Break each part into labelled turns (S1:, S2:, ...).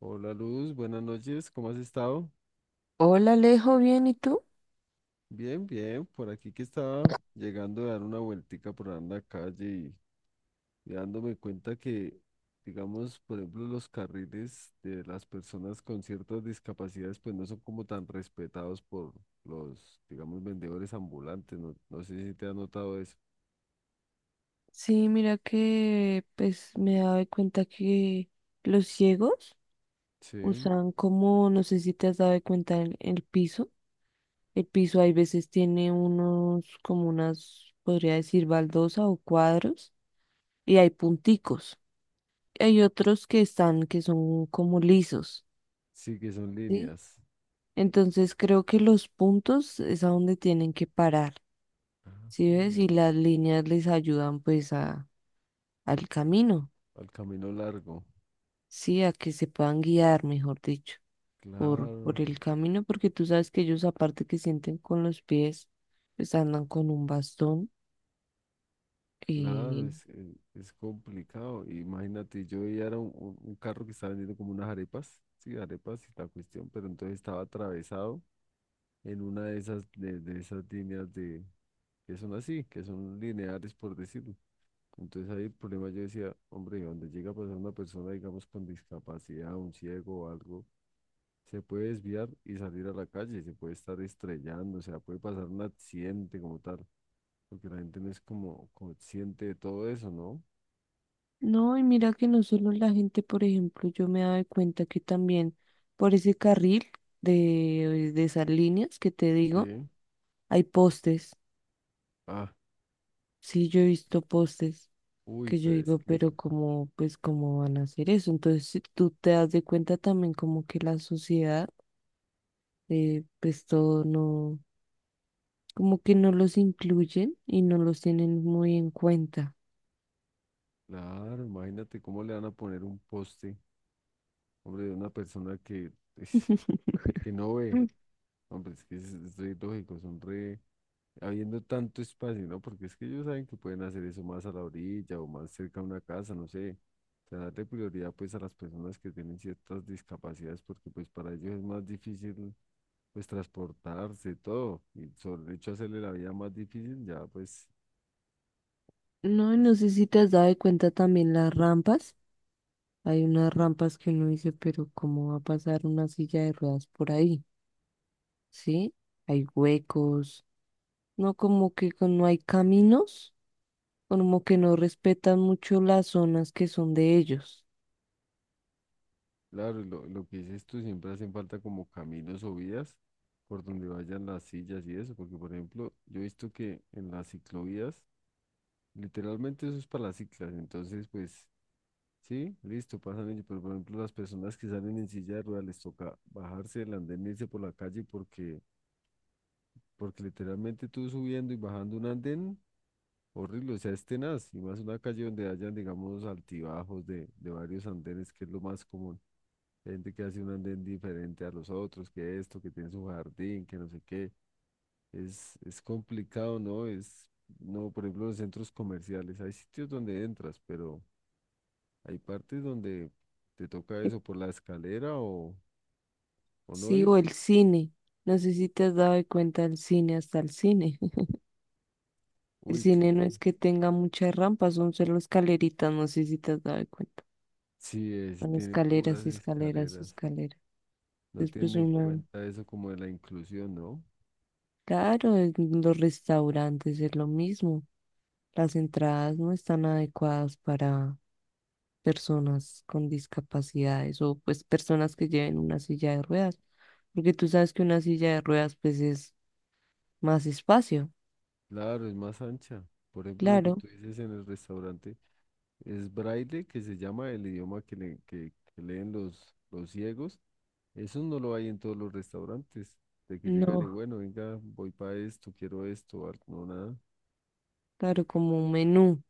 S1: Hola Luz, buenas noches, ¿cómo has estado?
S2: Hola, Alejo, ¿bien? ¿Y tú?
S1: Bien, bien, por aquí que estaba llegando a dar una vueltica por ahí en la calle y dándome cuenta que, digamos, por ejemplo, los carriles de las personas con ciertas discapacidades pues no son como tan respetados por los, digamos, vendedores ambulantes, no sé si te has notado eso.
S2: Sí, mira que pues me he dado cuenta que los ciegos
S1: Sí,
S2: usan como, no sé si te has dado cuenta, el piso. El piso hay veces tiene unos, como unas, podría decir, baldosa o cuadros y hay punticos. Hay otros que están, que son como lisos,
S1: sí que son
S2: ¿sí?
S1: líneas.
S2: Entonces creo que los puntos es a donde tienen que parar,
S1: Ah,
S2: ¿sí ves? Y
S1: madre.
S2: las líneas les ayudan pues a, al camino.
S1: Al camino largo,
S2: Sí, a que se puedan guiar, mejor dicho, por,
S1: claro.
S2: por el camino, porque tú sabes que ellos aparte que sienten con los pies, pues andan con un bastón.
S1: Claro,
S2: eh,
S1: es complicado. Imagínate, yo veía era un carro que estaba vendiendo como unas arepas, sí, arepas y la cuestión, pero entonces estaba atravesado en una de esas, de esas líneas de, que son así, que son lineares por decirlo. Entonces ahí el problema yo decía, hombre, donde llega a pasar una persona, digamos, con discapacidad, un ciego o algo, se puede desviar y salir a la calle, se puede estar estrellando, o sea, puede pasar un accidente como tal, porque la gente no es como consciente de todo eso, ¿no?
S2: no, y mira que no solo la gente, por ejemplo, yo me daba cuenta que también por ese carril de esas líneas que te digo,
S1: Sí.
S2: hay postes.
S1: Ah,
S2: Sí, yo he visto postes
S1: uy,
S2: que yo
S1: pero es
S2: digo,
S1: que
S2: pero como, pues, ¿cómo van a hacer eso? Entonces, si tú te das de cuenta también como que la sociedad, pues todo no, como que no los incluyen y no los tienen muy en cuenta.
S1: claro, imagínate cómo le van a poner un poste, hombre, de una persona que, es- que no ve, hombre, es que es re lógico, son re, habiendo tanto espacio, ¿no? Porque es que ellos saben que pueden hacer eso más a la orilla o más cerca a una casa, no sé, o sea, darle prioridad pues a las personas que tienen ciertas discapacidades, porque pues para ellos es más difícil pues transportarse, todo, y sobre el hecho de hacerle la vida más difícil, ya pues,
S2: No, y no
S1: pues
S2: sé si te has dado de cuenta también las rampas. Hay unas rampas que uno dice, pero ¿cómo va a pasar una silla de ruedas por ahí? ¿Sí? Hay huecos. No, como que no hay caminos, como que no respetan mucho las zonas que son de ellos.
S1: claro, y lo que dices tú, siempre hacen falta como caminos o vías por donde vayan las sillas y eso, porque por ejemplo, yo he visto que en las ciclovías, literalmente eso es para las ciclas, entonces pues sí, listo, pasan ellos, pero por ejemplo las personas que salen en silla de ruedas les toca bajarse del andén e irse por la calle porque, porque literalmente tú subiendo y bajando un andén, horrible, o sea, es tenaz, y más una calle donde hayan, digamos, altibajos de varios andenes, que es lo más común. Gente que hace un andén diferente a los otros, que esto, que tiene su jardín, que no sé qué. Es complicado, ¿no? Es, no, por ejemplo, los centros comerciales, hay sitios donde entras, pero hay partes donde te toca eso por la escalera o no
S2: Sí,
S1: ir.
S2: o el cine. No sé si te has dado de cuenta el cine, hasta el cine. El
S1: Uy,
S2: cine no
S1: claro.
S2: es que tenga muchas rampas, son solo escaleritas, no sé si te has dado cuenta.
S1: Sí, es,
S2: Son
S1: tiene
S2: escaleras,
S1: puras
S2: escaleras,
S1: escaleras.
S2: escaleras.
S1: No
S2: Después
S1: tiene en
S2: una...
S1: cuenta eso como de la inclusión, ¿no?
S2: Claro, en los restaurantes es lo mismo. Las entradas no están adecuadas para personas con discapacidades o pues personas que lleven una silla de ruedas, porque tú sabes que una silla de ruedas pues es más espacio.
S1: Claro, es más ancha. Por ejemplo, lo que
S2: Claro,
S1: tú dices en el restaurante. Es braille, que se llama el idioma que, que leen los ciegos. Eso no lo hay en todos los restaurantes. De que llegan y
S2: no,
S1: bueno, venga, voy para esto, quiero esto, no, nada.
S2: claro, como un menú,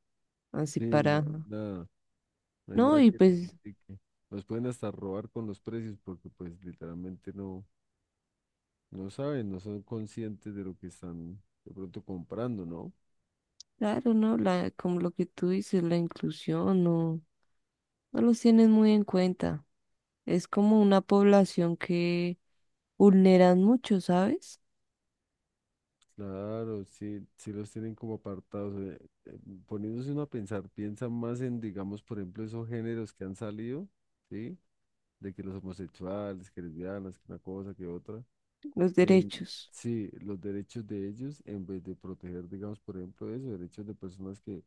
S2: así
S1: Sí, no
S2: para...
S1: hay nada, no hay
S2: No,
S1: nada
S2: y
S1: que les
S2: pues
S1: indique. Los pueden hasta robar con los precios porque pues literalmente no, no saben, no son conscientes de lo que están de pronto comprando, ¿no?
S2: claro, ¿no? La, como lo que tú dices, la inclusión, no, no los tienen muy en cuenta. Es como una población que vulneran mucho, ¿sabes?
S1: Claro, sí, sí los tienen como apartados. Eh, Poniéndose uno a pensar, piensa más en, digamos, por ejemplo, esos géneros que han salido, ¿sí? De que los homosexuales, que lesbianas, que una cosa, que otra.
S2: Los
S1: em,
S2: derechos.
S1: sí, los derechos de ellos, en vez de proteger, digamos, por ejemplo, eso, derechos de personas que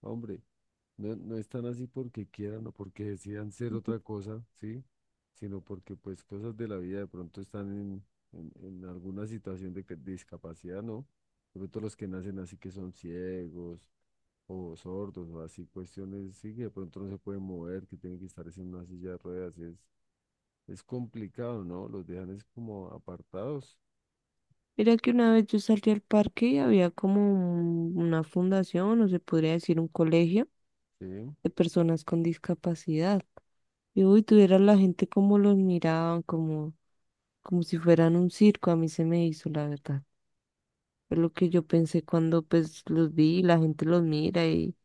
S1: hombre, no, no están así porque quieran o porque decidan ser
S2: Ujú.
S1: otra cosa, ¿sí? Sino porque pues cosas de la vida de pronto están en, en alguna situación de discapacidad, ¿no? De pronto los que nacen así que son ciegos o sordos o así cuestiones, sí, que de pronto no se pueden mover, que tienen que estar es en una silla de ruedas, es complicado, ¿no? Los dejan es como apartados,
S2: Mira que una vez yo salí al parque y había como una fundación, o se podría decir un colegio
S1: ¿sí?
S2: de personas con discapacidad. Y uy, tuviera la gente como los miraban, como, como si fueran un circo, a mí se me hizo, la verdad. Es lo que yo pensé cuando pues los vi, la gente los mira y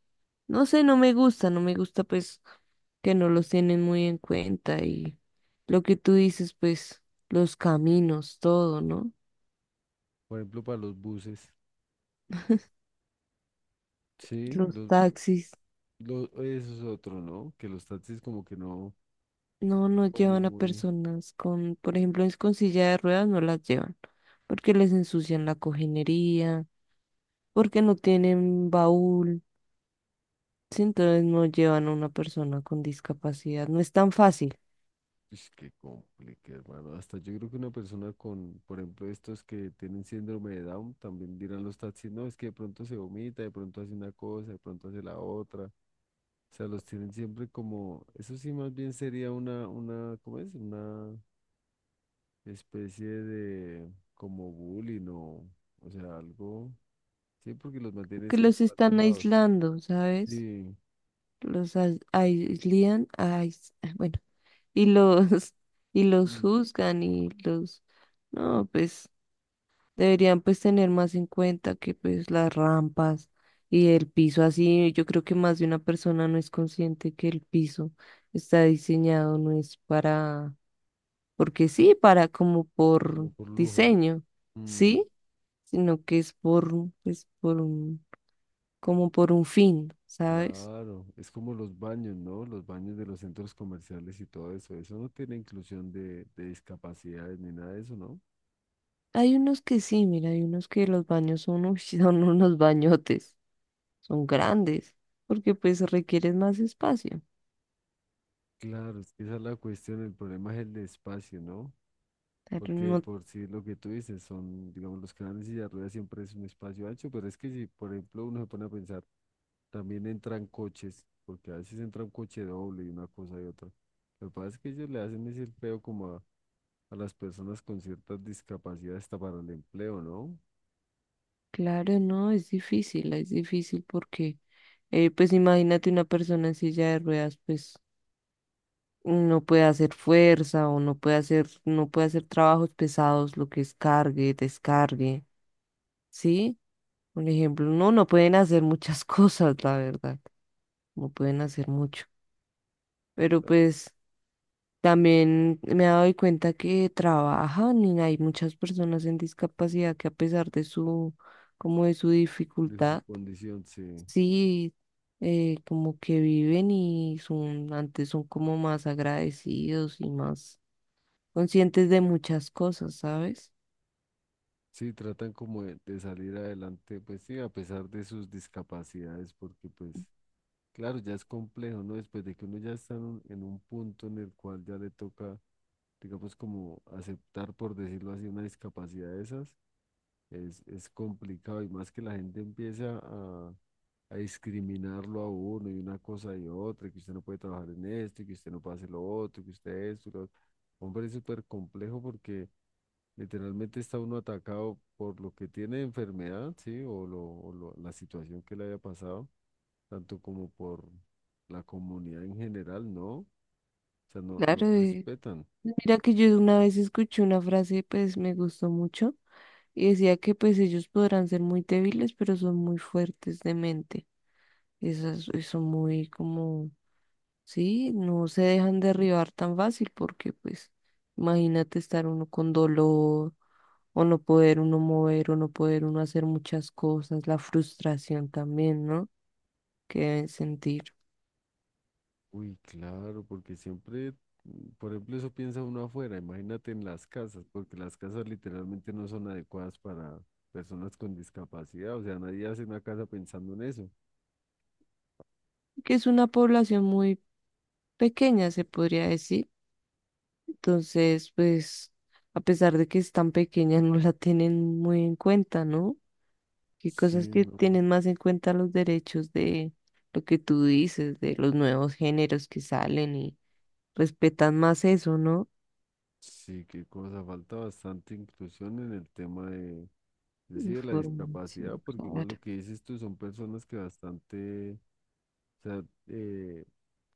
S2: no sé, no me gusta, no me gusta pues que no los tienen muy en cuenta y lo que tú dices, pues los caminos, todo, ¿no?
S1: Por ejemplo, para los buses, sí,
S2: Los taxis.
S1: los, eso es otro, ¿no? Que los taxis como que no.
S2: No, no
S1: Como
S2: llevan a
S1: muy...
S2: personas con, por ejemplo, es con silla de ruedas, no las llevan, porque les ensucian la cojinería, porque no tienen baúl, sí, entonces no llevan a una persona con discapacidad. No es tan fácil,
S1: Es que complique, hermano. Hasta yo creo que una persona con, por ejemplo, estos que tienen síndrome de Down, también dirán los taxis, no, es que de pronto se vomita, de pronto hace una cosa, de pronto hace la otra. O sea, los tienen siempre como, eso sí más bien sería una, ¿cómo es? Una especie de como bullying o sea, algo, sí, porque los
S2: que
S1: mantienes como
S2: los están
S1: alejados.
S2: aislando, ¿sabes?
S1: Sí,
S2: Aislan, bueno, y los, y los
S1: mm,
S2: juzgan y los, no, pues deberían pues tener más en cuenta que pues las rampas y el piso así, yo creo que más de una persona no es consciente que el piso está diseñado, no es para, porque sí, para como por
S1: como por lujo.
S2: diseño,
S1: Mm,
S2: sí, sino que es por, pues por un, como por un fin, ¿sabes?
S1: claro, es como los baños, ¿no? Los baños de los centros comerciales y todo eso. Eso no tiene inclusión de discapacidades ni nada de eso, ¿no?
S2: Hay unos que sí, mira, hay unos que los baños son, uy, son unos bañotes, son grandes, porque pues requieren más espacio.
S1: Claro, es que esa es la cuestión. El problema es el espacio, ¿no?
S2: Pero
S1: Porque
S2: no.
S1: por si lo que tú dices son, digamos, los canales y la rueda siempre es un espacio ancho, pero es que si, por ejemplo, uno se pone a pensar, también entran coches, porque a veces entra un coche doble y una cosa y otra. Lo que pasa es que ellos le hacen ese feo como a las personas con ciertas discapacidades hasta para el empleo, ¿no?
S2: Claro, no, es difícil porque, pues imagínate una persona en silla de ruedas, pues no puede hacer fuerza o no puede hacer, no puede hacer trabajos pesados, lo que es cargue, descargue, ¿sí? Un ejemplo, no, no pueden hacer muchas cosas, la verdad, no pueden hacer mucho, pero pues también me he dado cuenta que trabajan y hay muchas personas en discapacidad que a pesar de su, como de su
S1: De su
S2: dificultad,
S1: condición, sí.
S2: sí, como que viven y son, antes son como más agradecidos y más conscientes de muchas cosas, ¿sabes?
S1: Sí, tratan como de salir adelante, pues sí, a pesar de sus discapacidades, porque pues, claro, ya es complejo, ¿no? Después de que uno ya está en un punto en el cual ya le toca, digamos, como aceptar, por decirlo así, una discapacidad de esas, es complicado y más que la gente empieza a discriminarlo a uno y una cosa y otra, y que usted no puede trabajar en esto, y que usted no puede hacer lo otro, y que usted esto, y lo otro. Hombre, es súper complejo porque... Literalmente está uno atacado por lo que tiene de enfermedad, ¿sí? O, lo, o la situación que le haya pasado, tanto como por la comunidad en general, ¿no? O sea, no,
S2: Claro,
S1: no respetan.
S2: mira que yo una vez escuché una frase, pues me gustó mucho, y decía que pues ellos podrán ser muy débiles, pero son muy fuertes de mente. Esas son muy como, sí, no se dejan derribar tan fácil porque pues imagínate estar uno con dolor o no poder uno mover o no poder uno hacer muchas cosas, la frustración también, ¿no? Que deben sentir,
S1: Uy, claro, porque siempre, mm, por ejemplo, eso piensa uno afuera, imagínate en las casas, porque las casas literalmente no son adecuadas para personas con discapacidad, o sea, nadie hace una casa pensando en eso.
S2: que es una población muy pequeña, se podría decir. Entonces, pues, a pesar de que es tan pequeña, no la tienen muy en cuenta, ¿no? Que
S1: Sí,
S2: cosas que
S1: no.
S2: tienen más en cuenta los derechos de lo que tú dices, de los nuevos géneros que salen y respetan más eso, ¿no?
S1: Sí, qué cosa, falta bastante inclusión en el tema de sí, de la discapacidad,
S2: Información,
S1: porque igual lo
S2: claro.
S1: que dices tú son personas que bastante, o sea, eh,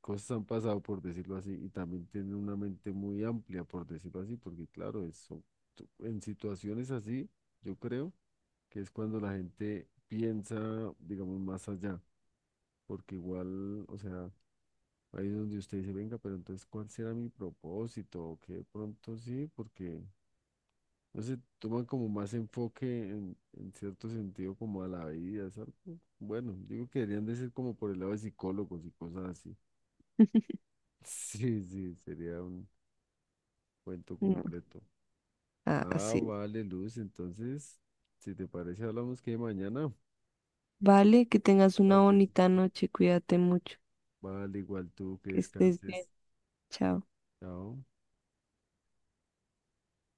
S1: cosas han pasado, por decirlo así, y también tienen una mente muy amplia, por decirlo así, porque claro, en situaciones así, yo creo que es cuando la gente piensa, digamos, más allá, porque igual, o sea, ahí es donde usted dice, venga, pero entonces, ¿cuál será mi propósito? O que de pronto sí, porque no se toman como más enfoque en cierto sentido como a la vida, ¿sabes? Bueno, digo que deberían de ser como por el lado de psicólogos y cosas así. Sí, sí, sería un cuento
S2: No,
S1: completo. Ah,
S2: así
S1: vale, Luz, entonces, si te parece, hablamos que mañana,
S2: vale, que tengas una bonita
S1: tardecito.
S2: noche, cuídate mucho,
S1: Vale, igual tú que
S2: que estés bien,
S1: descanses.
S2: chao.
S1: Chao.